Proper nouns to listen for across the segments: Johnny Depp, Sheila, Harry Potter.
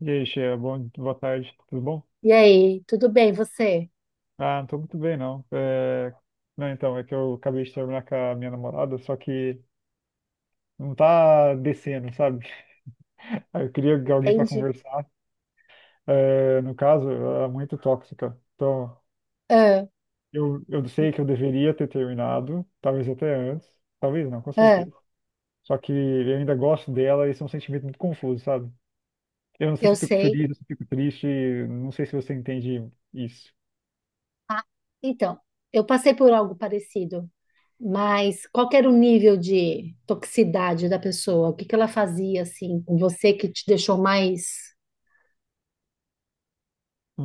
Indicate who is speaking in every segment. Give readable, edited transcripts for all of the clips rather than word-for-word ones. Speaker 1: E aí, Sheila, bom, boa tarde, tudo bom?
Speaker 2: E aí, tudo bem, você?
Speaker 1: Ah, não tô muito bem, não. É, não, então, é que eu acabei de terminar com a minha namorada, só que não tá descendo, sabe? Aí eu queria alguém pra
Speaker 2: Entende?
Speaker 1: conversar. É, no caso, ela é muito tóxica. Então,
Speaker 2: Ah,
Speaker 1: eu sei que eu deveria ter terminado, talvez até antes, talvez não, com
Speaker 2: ah,
Speaker 1: certeza. Só que eu ainda gosto dela e isso é um sentimento muito confuso, sabe? Eu não sei
Speaker 2: eu
Speaker 1: se eu fico
Speaker 2: sei.
Speaker 1: feliz, ou se eu fico triste, não sei se você entende isso.
Speaker 2: Ah, então, eu passei por algo parecido, mas qual que era o nível de toxicidade da pessoa? O que que ela fazia, assim, com você que te deixou mais,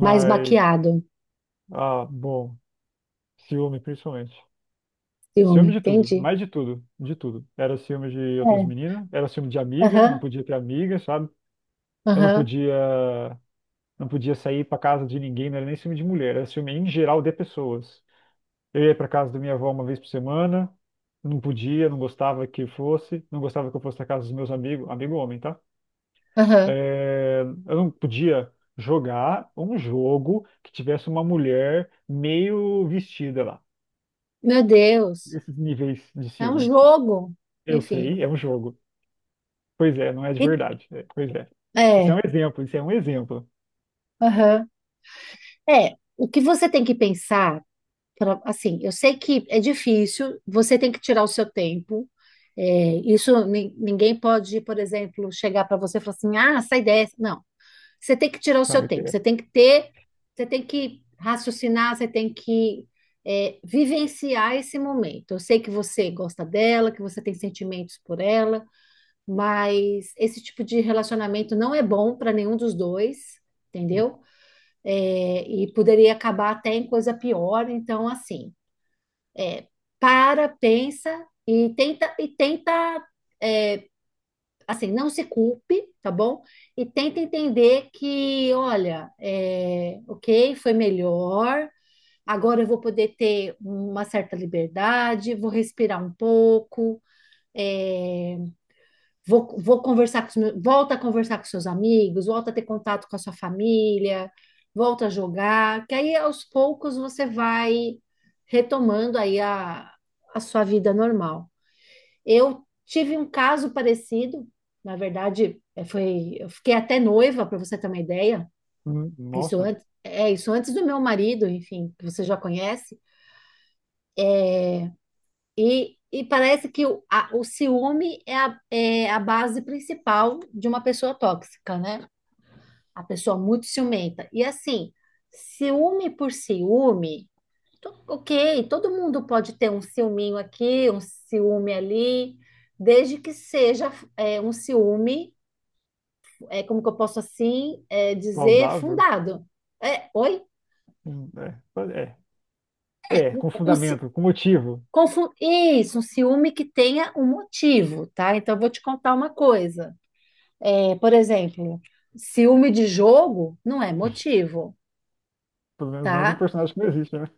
Speaker 2: mais baqueado?
Speaker 1: bom. Ciúme, principalmente.
Speaker 2: Ciúme,
Speaker 1: Ciúme de tudo,
Speaker 2: entende?
Speaker 1: mais de tudo, de tudo. Era ciúme de outras
Speaker 2: É.
Speaker 1: meninas, era ciúme de amiga, não
Speaker 2: Aham,
Speaker 1: podia ter amiga, sabe? Eu não
Speaker 2: aham,
Speaker 1: podia, não podia sair pra casa de ninguém, não era nem ciúme de mulher, era ciúme em geral de pessoas. Eu ia pra casa da minha avó uma vez por semana, não podia, não gostava que fosse, não gostava que eu fosse na casa dos meus amigos, amigo homem, tá?
Speaker 2: aham.
Speaker 1: É, eu não podia jogar um jogo que tivesse uma mulher meio vestida lá.
Speaker 2: Meu Deus,
Speaker 1: Esses níveis de
Speaker 2: é um
Speaker 1: ciúme.
Speaker 2: jogo.
Speaker 1: Eu
Speaker 2: Enfim.
Speaker 1: sei, é um jogo. Pois é, não é de
Speaker 2: E-
Speaker 1: verdade. É, pois é. Isso é
Speaker 2: É,
Speaker 1: um exemplo, isso é um exemplo.
Speaker 2: aham. É, o que você tem que pensar. Assim, eu sei que é difícil, você tem que tirar o seu tempo. É, isso ninguém pode, por exemplo, chegar para você e falar assim, ah, essa ideia. Não, você tem que tirar o seu
Speaker 1: Sabe?
Speaker 2: tempo,
Speaker 1: É,
Speaker 2: você tem que ter, você tem que raciocinar, você tem que vivenciar esse momento. Eu sei que você gosta dela, que você tem sentimentos por ela, mas esse tipo de relacionamento não é bom para nenhum dos dois, entendeu? É, e poderia acabar até em coisa pior. Então, assim. É, para, pensa e tenta é, assim, não se culpe, tá bom? E tenta entender que, olha, ok, foi melhor. Agora eu vou poder ter uma certa liberdade, vou respirar um pouco, é, vou conversar com os meus, volta a conversar com seus amigos, volta a ter contato com a sua família, volta a jogar, que aí aos poucos você vai retomando aí a sua vida normal. Eu tive um caso parecido, na verdade, eu fiquei até noiva, para você ter uma ideia,
Speaker 1: nossa,
Speaker 2: é isso antes do meu marido, enfim, que você já conhece, e parece que o ciúme é a base principal de uma pessoa tóxica, né? A pessoa muito ciumenta. E assim, ciúme por ciúme, ok, todo mundo pode ter um ciúminho aqui, um ciúme ali, desde que seja um ciúme, como que eu posso assim dizer,
Speaker 1: saudável.
Speaker 2: fundado. É, oi?
Speaker 1: Hum, É, é, com
Speaker 2: Um, ci-
Speaker 1: fundamento, com motivo.
Speaker 2: Isso, um ciúme que tenha um motivo, tá? Então, eu vou te contar uma coisa. É, por exemplo, ciúme de jogo não é motivo,
Speaker 1: Pelo menos não de um
Speaker 2: tá?
Speaker 1: personagem que não existe, né?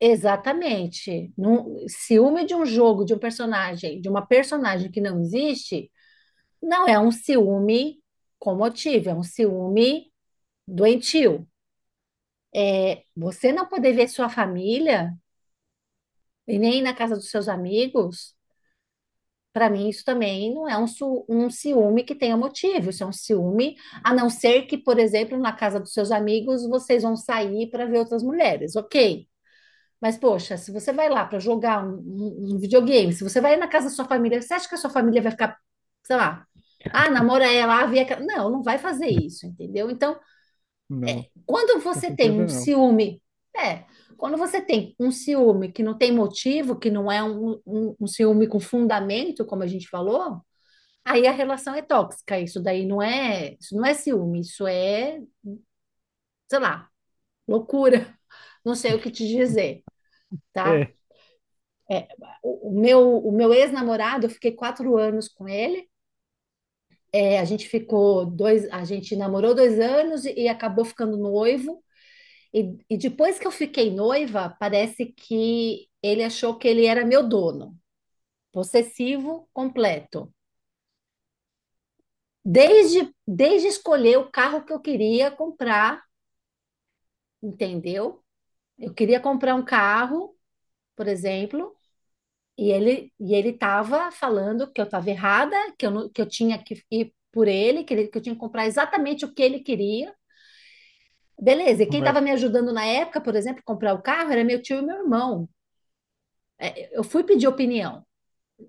Speaker 2: Exatamente. Ciúme de um jogo, de um personagem, de uma personagem que não existe, não é um ciúme com motivo, é um ciúme doentio. É, você não poder ver sua família e nem ir na casa dos seus amigos, para mim isso também não é um ciúme que tenha motivo. Isso é um ciúme, a não ser que, por exemplo, na casa dos seus amigos vocês vão sair para ver outras mulheres, ok? Mas, poxa, se você vai lá para jogar um videogame, se você vai na casa da sua família, você acha que a sua família vai ficar, sei lá, ah, namora ela, ah, vê aquela. Não, não vai fazer isso, entendeu? Então,
Speaker 1: Não,
Speaker 2: quando
Speaker 1: com
Speaker 2: você tem
Speaker 1: certeza
Speaker 2: um
Speaker 1: não.
Speaker 2: ciúme, é, quando você tem um ciúme que não tem motivo, que não é um ciúme com fundamento, como a gente falou, aí a relação é tóxica. Isso não é ciúme, isso é, sei lá, loucura. Não sei o que te dizer, tá?
Speaker 1: É,
Speaker 2: É, o meu ex-namorado, eu fiquei 4 anos com ele. É, a gente namorou 2 anos e acabou ficando noivo. E depois que eu fiquei noiva, parece que ele achou que ele era meu dono, possessivo completo. Desde escolher o carro que eu queria comprar, entendeu? Eu queria comprar um carro, por exemplo, E ele estava falando que eu estava errada, que eu, não- que eu tinha que ir por ele, que eu tinha que comprar exatamente o que ele queria. Beleza, e quem
Speaker 1: não é.
Speaker 2: estava me ajudando na época, por exemplo, comprar o carro, era meu tio e meu irmão. Eu fui pedir opinião.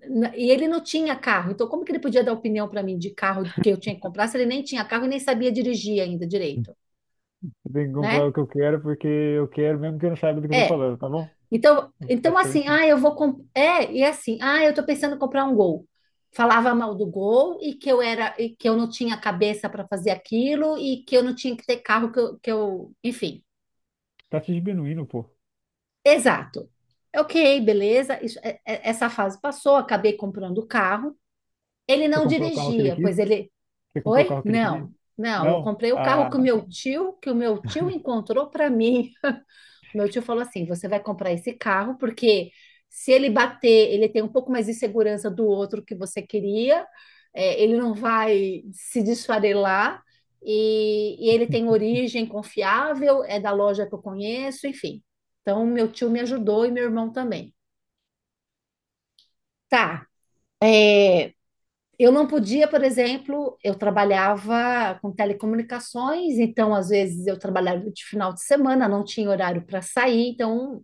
Speaker 2: E ele não tinha carro, então como que ele podia dar opinião para mim de carro que eu tinha que comprar se ele nem tinha carro e nem sabia dirigir ainda direito,
Speaker 1: Eu tenho que comprar o
Speaker 2: né?
Speaker 1: que eu quero porque eu quero mesmo que eu não saiba do que eu tô
Speaker 2: É.
Speaker 1: falando, tá bom?
Speaker 2: Então assim,
Speaker 1: Basicamente,
Speaker 2: ah, eu
Speaker 1: isso.
Speaker 2: vou comp... é, e assim, ah, eu tô pensando em comprar um Gol. Falava mal do Gol e que eu era e que eu não tinha cabeça para fazer aquilo e que eu não tinha que ter carro que eu... enfim.
Speaker 1: Tá se diminuindo, pô.
Speaker 2: Exato. Ok, beleza. Essa fase passou, acabei comprando o carro. Ele
Speaker 1: Você
Speaker 2: não
Speaker 1: comprou o carro que ele
Speaker 2: dirigia,
Speaker 1: quis? Você comprou o
Speaker 2: oi?
Speaker 1: carro que ele queria?
Speaker 2: Não. Não, eu
Speaker 1: Não?
Speaker 2: comprei o carro
Speaker 1: Ah,
Speaker 2: que o meu tio encontrou para mim. Meu tio falou assim: você vai comprar esse carro, porque se ele bater, ele tem um pouco mais de segurança do outro que você queria, ele não vai se desfarelar, e ele tem origem confiável, é da loja que eu conheço, enfim. Então, meu tio me ajudou e meu irmão também. Tá. é, eu não podia, por exemplo, eu trabalhava com telecomunicações, então às vezes eu trabalhava de final de semana, não tinha horário para sair, então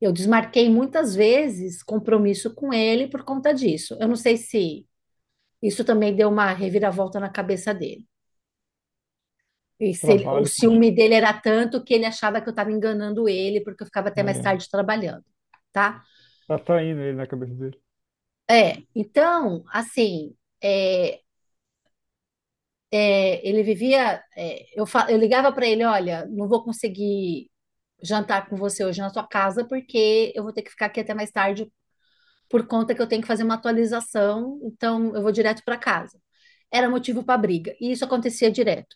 Speaker 2: eu desmarquei muitas vezes compromisso com ele por conta disso. Eu não sei se isso também deu uma reviravolta na cabeça dele. E se ele- O
Speaker 1: trabalho, poxa.
Speaker 2: ciúme dele era tanto que ele achava que eu estava enganando ele, porque eu ficava até
Speaker 1: Ai,
Speaker 2: mais
Speaker 1: ai.
Speaker 2: tarde trabalhando, tá?
Speaker 1: Tá saindo ele na cabeça dele.
Speaker 2: É, então, assim, é, ele vivia. Eu ligava para ele: olha, não vou conseguir jantar com você hoje na sua casa, porque eu vou ter que ficar aqui até mais tarde por conta que eu tenho que fazer uma atualização, então eu vou direto para casa. Era motivo para briga, e isso acontecia direto.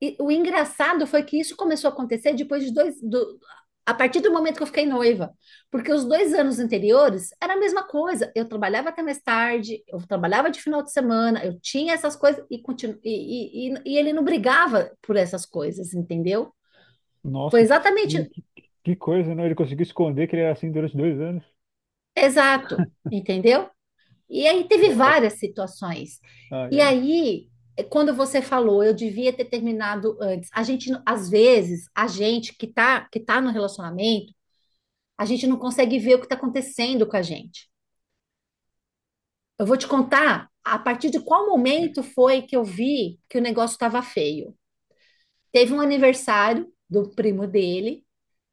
Speaker 2: E o engraçado foi que isso começou a acontecer depois de dois. Do, a partir do momento que eu fiquei noiva, porque os 2 anos anteriores era a mesma coisa. Eu trabalhava até mais tarde, eu trabalhava de final de semana, eu tinha essas coisas e, continu, e ele não brigava por essas coisas, entendeu? Foi
Speaker 1: Nossa, que,
Speaker 2: exatamente
Speaker 1: que, que que coisa, né? Ele conseguiu esconder que ele era assim durante 2 anos.
Speaker 2: exato, entendeu? E aí teve
Speaker 1: Uau.
Speaker 2: várias situações.
Speaker 1: Ai,
Speaker 2: E
Speaker 1: ai.
Speaker 2: aí, quando você falou, eu devia ter terminado antes. A gente, às vezes, a gente que tá no relacionamento, a gente não consegue ver o que está acontecendo com a gente. Eu vou te contar a partir de qual
Speaker 1: Bem,
Speaker 2: momento foi que eu vi que o negócio estava feio. Teve um aniversário do primo dele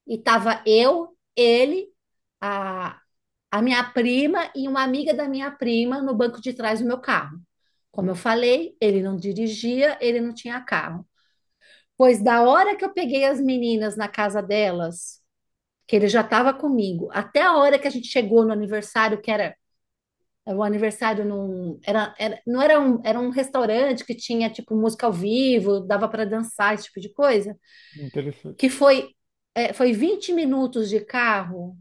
Speaker 2: e tava eu, ele, a, a minha prima e uma amiga da minha prima no banco de trás do meu carro. Como eu falei, ele não dirigia, ele não tinha carro. Pois da hora que eu peguei as meninas na casa delas, que ele já estava comigo, até a hora que a gente chegou no aniversário, que era era um aniversário num. Era, não era um, era um restaurante que tinha, tipo, música ao vivo, dava para dançar, esse tipo de coisa. Que
Speaker 1: interessante.
Speaker 2: foi, foi 20 minutos de carro.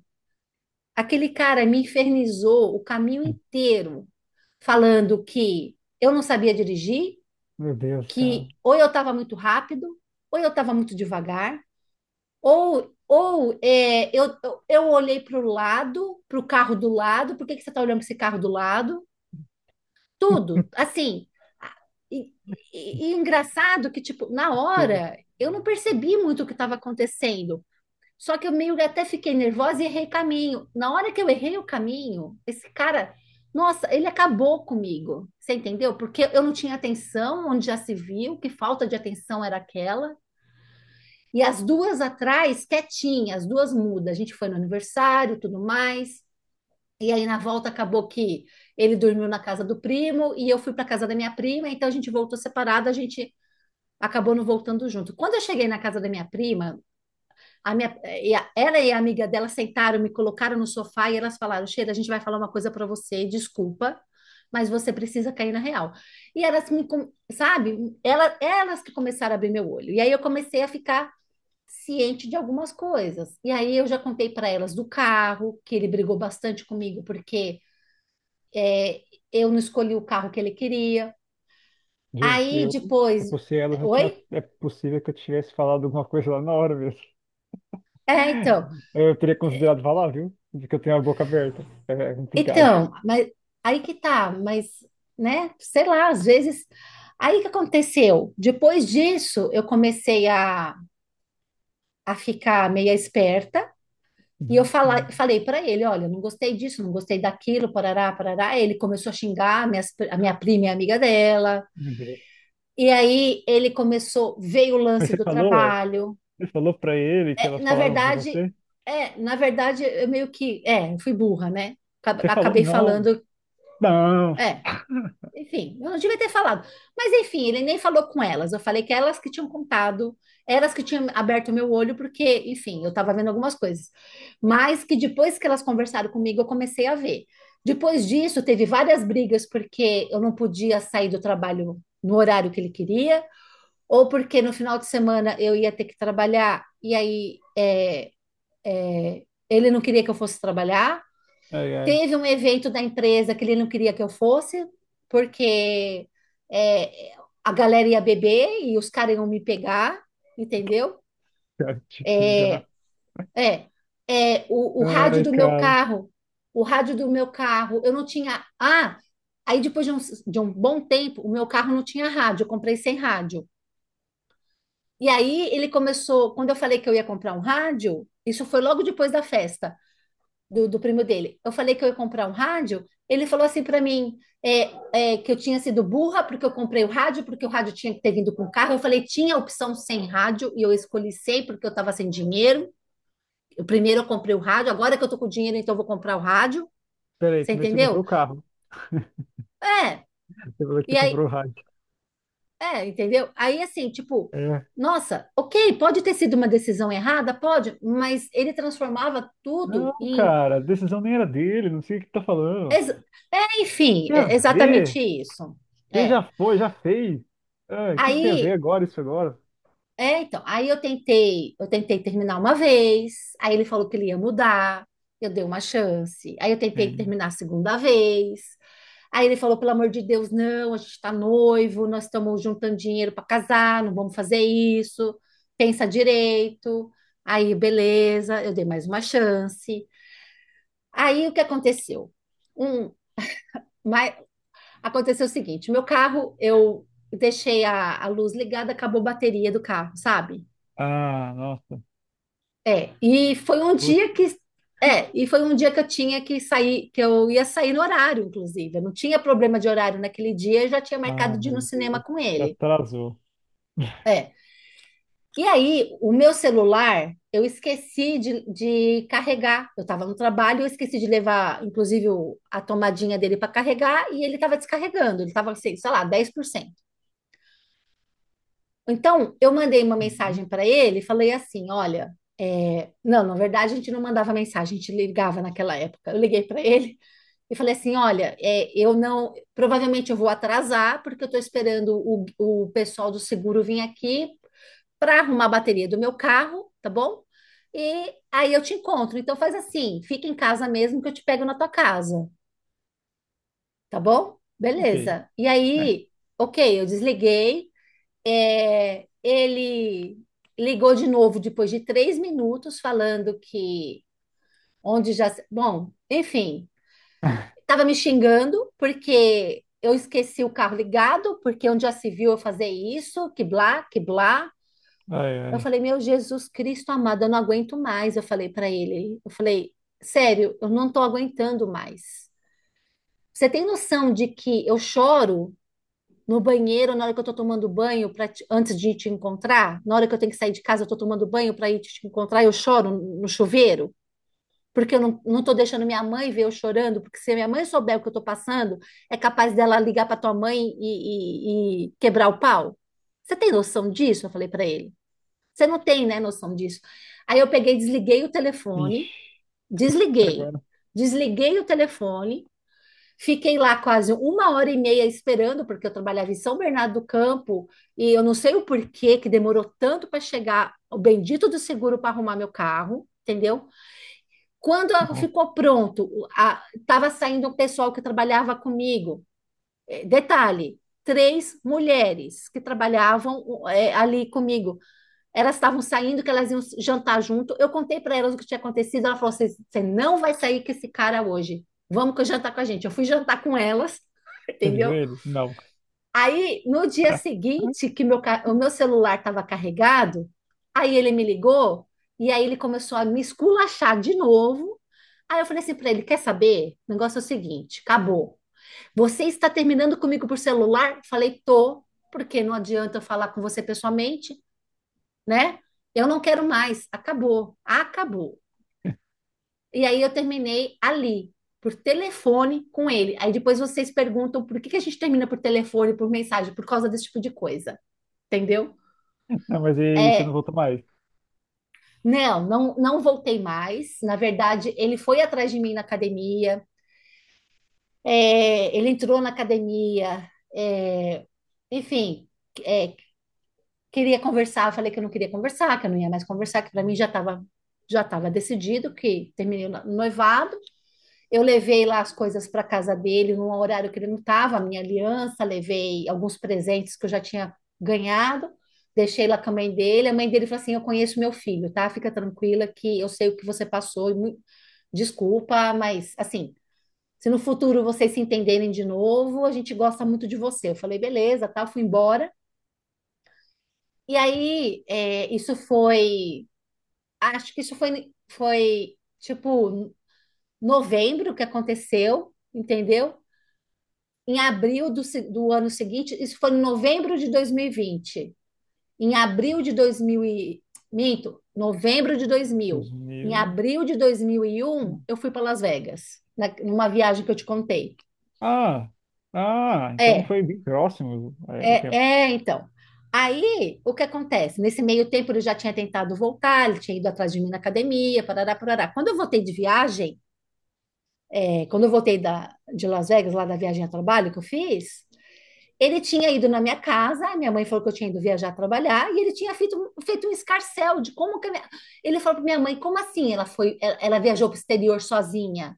Speaker 2: Aquele cara me infernizou o caminho inteiro, falando que eu não sabia dirigir,
Speaker 1: Meu Deus, cara.
Speaker 2: que ou eu estava muito rápido, ou eu estava muito devagar, ou é, eu olhei para o lado, para o carro do lado, por que que você está olhando para esse carro do lado? Tudo, assim. a- E, e engraçado que, tipo, na
Speaker 1: Deus.
Speaker 2: hora, eu não percebi muito o que estava acontecendo, só que eu meio que até fiquei nervosa e errei caminho. Na hora que eu errei o caminho, esse cara, nossa, ele acabou comigo. Você entendeu? Porque eu não tinha atenção, onde já se viu, que falta de atenção era aquela. E as duas atrás, quietinhas, as duas mudas. A gente foi no aniversário, tudo mais. E aí na volta acabou que ele dormiu na casa do primo e eu fui para casa da minha prima, então a gente voltou separada, a gente acabou não voltando junto. Quando eu cheguei na casa da minha prima, a minha, e a- ela e a amiga dela sentaram, me colocaram no sofá e elas falaram: Sheila, a gente vai falar uma coisa para você, desculpa, mas você precisa cair na real. Sabe, elas que começaram a abrir meu olho. E aí eu comecei a ficar ciente de algumas coisas. E aí eu já contei para elas do carro, que ele brigou bastante comigo, porque é, eu não escolhi o carro que ele queria.
Speaker 1: Gente,
Speaker 2: Aí
Speaker 1: se
Speaker 2: depois.
Speaker 1: eu fosse ela, eu tinha,
Speaker 2: Oi?
Speaker 1: é possível que eu tivesse falado alguma coisa lá na hora mesmo.
Speaker 2: É, então.
Speaker 1: Eu teria considerado falar, viu? Porque eu tenho a boca aberta. É complicado.
Speaker 2: Então, mas aí que tá, mas, né, sei lá, às vezes. Aí que aconteceu? Depois disso, eu comecei a ficar meia esperta e eu
Speaker 1: Uhum, uhum.
Speaker 2: falei para ele: olha, não gostei disso, não gostei daquilo, parará, parará. Aí ele começou a xingar a minha prima e a amiga dela.
Speaker 1: Meu Deus.
Speaker 2: E aí ele começou, veio o
Speaker 1: Mas
Speaker 2: lance do trabalho.
Speaker 1: você falou pra ele que
Speaker 2: É,
Speaker 1: elas
Speaker 2: na
Speaker 1: falaram com
Speaker 2: verdade,
Speaker 1: você?
Speaker 2: na verdade, eu meio que, fui burra, né?
Speaker 1: Você falou,
Speaker 2: Acabei
Speaker 1: não,
Speaker 2: falando.
Speaker 1: não.
Speaker 2: É, Enfim, eu não devia ter falado. Mas enfim, ele nem falou com elas. Eu falei que elas que tinham contado, elas que tinham aberto meu olho, porque, enfim, eu estava vendo algumas coisas. Mas que depois que elas conversaram comigo, eu comecei a ver. Depois disso, teve várias brigas, porque eu não podia sair do trabalho no horário que ele queria, ou porque no final de semana eu ia ter que trabalhar, e aí é, ele não queria que eu fosse trabalhar.
Speaker 1: Ai, ai,
Speaker 2: Teve um evento da empresa que ele não queria que eu fosse, porque é, a galera ia beber e os caras iam me pegar, entendeu?
Speaker 1: quero te pegar.
Speaker 2: É, o rádio
Speaker 1: Ai,
Speaker 2: do meu
Speaker 1: cara.
Speaker 2: carro, o rádio do meu carro, eu não tinha. Ah, aí depois de um bom tempo, o meu carro não tinha rádio, eu comprei sem rádio. E aí ele começou, quando eu falei que eu ia comprar um rádio, isso foi logo depois da festa do primo dele. Eu falei que eu ia comprar um rádio. Ele falou assim para mim que eu tinha sido burra porque eu comprei o rádio, porque o rádio tinha que ter vindo com o carro. Eu falei, tinha a opção sem rádio e eu escolhi sem porque eu estava sem dinheiro. Primeiro eu comprei o rádio, agora que eu tô com dinheiro, então eu vou comprar o rádio.
Speaker 1: Peraí,
Speaker 2: Você
Speaker 1: primeiro você
Speaker 2: entendeu?
Speaker 1: comprou o carro.
Speaker 2: É,
Speaker 1: Você falou que
Speaker 2: e
Speaker 1: você
Speaker 2: aí,
Speaker 1: comprou o rádio.
Speaker 2: entendeu? Aí assim, tipo,
Speaker 1: É.
Speaker 2: nossa, ok, pode ter sido uma decisão errada, pode, mas ele transformava
Speaker 1: Não,
Speaker 2: tudo em.
Speaker 1: cara, a decisão nem era dele, não sei o que tá falando.
Speaker 2: ex- enfim,
Speaker 1: Tem a
Speaker 2: é exatamente
Speaker 1: ver?
Speaker 2: isso.
Speaker 1: Você
Speaker 2: É.
Speaker 1: já foi, já fez. Ah, o que que tem a ver
Speaker 2: Aí,
Speaker 1: agora, isso agora?
Speaker 2: então, aí eu tentei terminar uma vez, aí ele falou que ele ia mudar, eu dei uma chance. Aí eu tentei
Speaker 1: Sim.
Speaker 2: terminar a segunda vez. Aí ele falou, pelo amor de Deus, não, a gente tá noivo, nós estamos juntando dinheiro para casar, não vamos fazer isso. Pensa direito. Aí, beleza, eu dei mais uma chance. Aí o que aconteceu? Um, mas aconteceu o seguinte, meu carro, eu deixei a luz ligada, acabou a bateria do carro, sabe?
Speaker 1: Ah, nossa.
Speaker 2: É, e foi um
Speaker 1: Poxa.
Speaker 2: dia que e foi um dia que eu tinha que sair, que eu ia sair no horário, inclusive. Eu não tinha problema de horário naquele dia, eu já tinha
Speaker 1: Ah,
Speaker 2: marcado de ir no
Speaker 1: meu
Speaker 2: cinema
Speaker 1: Deus.
Speaker 2: com
Speaker 1: Já
Speaker 2: ele.
Speaker 1: atrasou.
Speaker 2: É. E aí, o meu celular, eu esqueci de carregar. Eu estava no trabalho, eu esqueci de levar, inclusive, a tomadinha dele para carregar e ele estava descarregando. Ele estava, sei lá, 10%. Então, eu mandei uma
Speaker 1: Uhum.
Speaker 2: mensagem para ele, e falei assim: olha, não, na verdade a gente não mandava mensagem, a gente ligava naquela época. Eu liguei para ele e falei assim: olha, eu não, provavelmente eu vou atrasar, porque eu estou esperando o pessoal do seguro vir aqui para arrumar a bateria do meu carro, tá bom? E aí eu te encontro. Então faz assim: fica em casa mesmo que eu te pego na tua casa, tá bom?
Speaker 1: Ok.
Speaker 2: Beleza. E
Speaker 1: É.
Speaker 2: aí, ok, eu desliguei. Ele ligou de novo depois de 3 minutos, falando que onde já. Se- Bom, enfim, estava me xingando porque eu esqueci o carro ligado, porque onde já se viu eu fazer isso, que blá, que blá.
Speaker 1: Ai,
Speaker 2: Eu
Speaker 1: ai.
Speaker 2: falei, meu Jesus Cristo amado, eu não aguento mais. Eu falei para ele, eu falei, sério, eu não estou aguentando mais. Você tem noção de que eu choro? No banheiro, na hora que eu tô tomando banho, antes de te encontrar, na hora que eu tenho que sair de casa, eu tô tomando banho para ir te encontrar, eu choro no chuveiro, porque eu não tô deixando minha mãe ver eu chorando, porque se a minha mãe souber o que eu tô passando, é capaz dela ligar para tua mãe e quebrar o pau. Você tem noção disso? Eu falei para ele. Você não tem, né, noção disso. Aí eu peguei, desliguei o telefone,
Speaker 1: Ixi,
Speaker 2: desliguei,
Speaker 1: agora.
Speaker 2: desliguei o telefone. Fiquei lá quase 1 hora e meia esperando, porque eu trabalhava em São Bernardo do Campo, e eu não sei o porquê que demorou tanto para chegar o bendito do seguro para arrumar meu carro, entendeu? Quando
Speaker 1: Ó,
Speaker 2: ficou pronto, estava saindo o pessoal que trabalhava comigo. Detalhe, três mulheres que trabalhavam ali comigo. Elas estavam saindo, que elas iam jantar junto. Eu contei para elas o que tinha acontecido. Ela falou: você não vai sair com esse cara hoje. Vamos que eu jantar com a gente. Eu fui jantar com elas,
Speaker 1: você avisou
Speaker 2: entendeu?
Speaker 1: ele? Não.
Speaker 2: Aí, no dia seguinte, o meu celular estava carregado, aí ele me ligou e aí ele começou a me esculachar de novo. Aí eu falei assim para ele: quer saber? O negócio é o seguinte: acabou. Você está terminando comigo por celular? Falei, tô, porque não adianta eu falar com você pessoalmente, né? Eu não quero mais, acabou, acabou. E aí eu terminei ali, por telefone com ele. Aí depois vocês perguntam por que que a gente termina por telefone, por mensagem, por causa desse tipo de coisa, entendeu?
Speaker 1: Não, mas e aí, você não
Speaker 2: É,
Speaker 1: voltou mais?
Speaker 2: não, não, não voltei mais. Na verdade, ele foi atrás de mim na academia, ele entrou na academia, é, enfim, é, queria conversar, eu falei que eu não queria conversar, que eu não ia mais conversar, que para mim já estava decidido que terminei o noivado. Eu levei lá as coisas para casa dele num horário que ele não estava, a minha aliança, levei alguns presentes que eu já tinha ganhado, deixei lá com a mãe dele. A mãe dele falou assim: Eu conheço meu filho, tá? Fica tranquila que eu sei o que você passou. Desculpa, mas assim, se no futuro vocês se entenderem de novo, a gente gosta muito de você. Eu falei, beleza, tal, fui embora. E aí, isso foi. Acho que isso foi tipo novembro que aconteceu, entendeu? Em abril do, do ano seguinte, Isso foi em novembro de 2020. Em abril de 2000 e, minto, novembro de 2000. Em
Speaker 1: 2000.
Speaker 2: abril de 2001, eu fui para Las Vegas, numa viagem que eu te contei.
Speaker 1: Ah! Ah, então
Speaker 2: É,
Speaker 1: foi bem próximo, é, o
Speaker 2: é,
Speaker 1: tempo.
Speaker 2: é, então. Aí, o que acontece? Nesse meio tempo, ele já tinha tentado voltar, ele tinha ido atrás de mim na academia, parará, parará. Quando eu voltei de viagem, quando eu voltei de Las Vegas, lá da viagem a trabalho que eu fiz, ele tinha ido na minha casa, minha mãe falou que eu tinha ido viajar trabalhar, e ele tinha feito um escarcel de como que a minha... Ele falou para minha mãe, como assim ela foi, ela viajou para o exterior sozinha?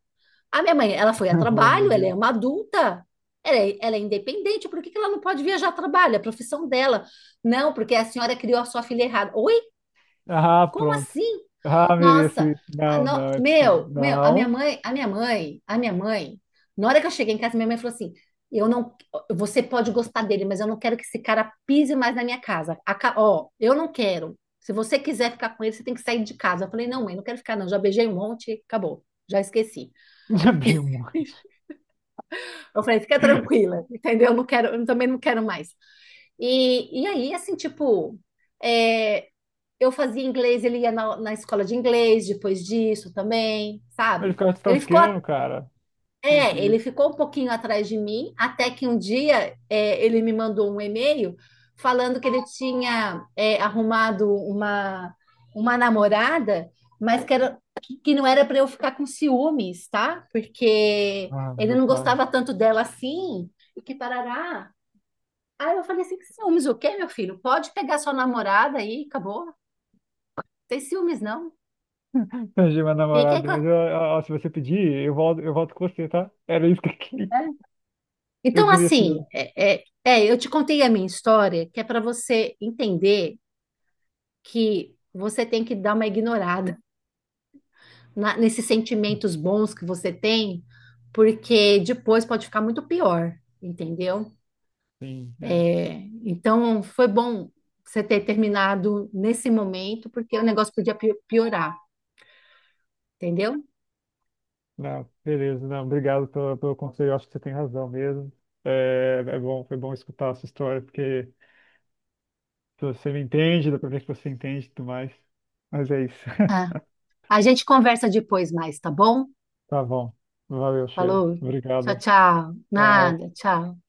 Speaker 2: A minha mãe, ela foi a
Speaker 1: Oh, meu
Speaker 2: trabalho, ela é
Speaker 1: Deus.
Speaker 2: uma adulta, ela é independente, por que, que ela não pode viajar a trabalho? É a profissão dela. Não, porque a senhora criou a sua filha errada. Oi?
Speaker 1: Ah,
Speaker 2: Como
Speaker 1: pronto.
Speaker 2: assim?
Speaker 1: Ah, mereço
Speaker 2: Nossa,
Speaker 1: isso.
Speaker 2: a
Speaker 1: Não,
Speaker 2: no-
Speaker 1: não, é possível.
Speaker 2: meu, a minha
Speaker 1: Não.
Speaker 2: mãe, a minha mãe, a minha mãe, na hora que eu cheguei em casa, minha mãe falou assim: Eu não, você pode gostar dele, mas eu não quero que esse cara pise mais na minha casa. Ó, eu não quero. Se você quiser ficar com ele, você tem que sair de casa. Eu falei: Não, mãe, não quero ficar, não. Já beijei um monte, acabou. Já esqueci.
Speaker 1: Já vi um.
Speaker 2: Eu falei: Fica tranquila, entendeu? Eu não quero, eu também não quero mais. E aí, assim, tipo, é, eu fazia inglês, ele ia na escola de inglês depois disso também,
Speaker 1: Mas o
Speaker 2: sabe?
Speaker 1: cara tá
Speaker 2: Ele ficou,
Speaker 1: tosqueando, cara. Meu
Speaker 2: ele
Speaker 1: Deus.
Speaker 2: ficou um pouquinho atrás de mim, até que um dia ele me mandou um e-mail falando que ele tinha arrumado uma namorada, mas que não era para eu ficar com ciúmes, tá? Porque
Speaker 1: Ah,
Speaker 2: ele
Speaker 1: meu
Speaker 2: não
Speaker 1: pai.
Speaker 2: gostava tanto dela assim, e que parará. Aí eu falei assim, que ciúmes o quê, meu filho? Pode pegar sua namorada aí, acabou. Não tem ciúmes, não.
Speaker 1: Perdi meu
Speaker 2: Fica aí
Speaker 1: namorado,
Speaker 2: com...
Speaker 1: mas ó, se você pedir, eu volto com você, tá? Era isso que eu queria.
Speaker 2: é.
Speaker 1: Eu
Speaker 2: Então,
Speaker 1: queria esse
Speaker 2: assim,
Speaker 1: jogo.
Speaker 2: eu te contei a minha história, que é para você entender que você tem que dar uma ignorada nesses sentimentos bons que você tem, porque depois pode ficar muito pior, entendeu?
Speaker 1: Sim, é.
Speaker 2: É, então, foi bom você ter terminado nesse momento, porque o negócio podia piorar, entendeu?
Speaker 1: Não, beleza. Não, obrigado pelo conselho. Eu acho que você tem razão mesmo. É, é bom, foi bom escutar a sua história, porque se você me entende, dá pra ver que você entende e tudo mais. Mas é isso.
Speaker 2: A gente conversa depois mais, tá bom?
Speaker 1: Tá bom. Valeu, Sheila.
Speaker 2: Falou. Tchau,
Speaker 1: Obrigado.
Speaker 2: tchau.
Speaker 1: Tchau.
Speaker 2: Nada, tchau.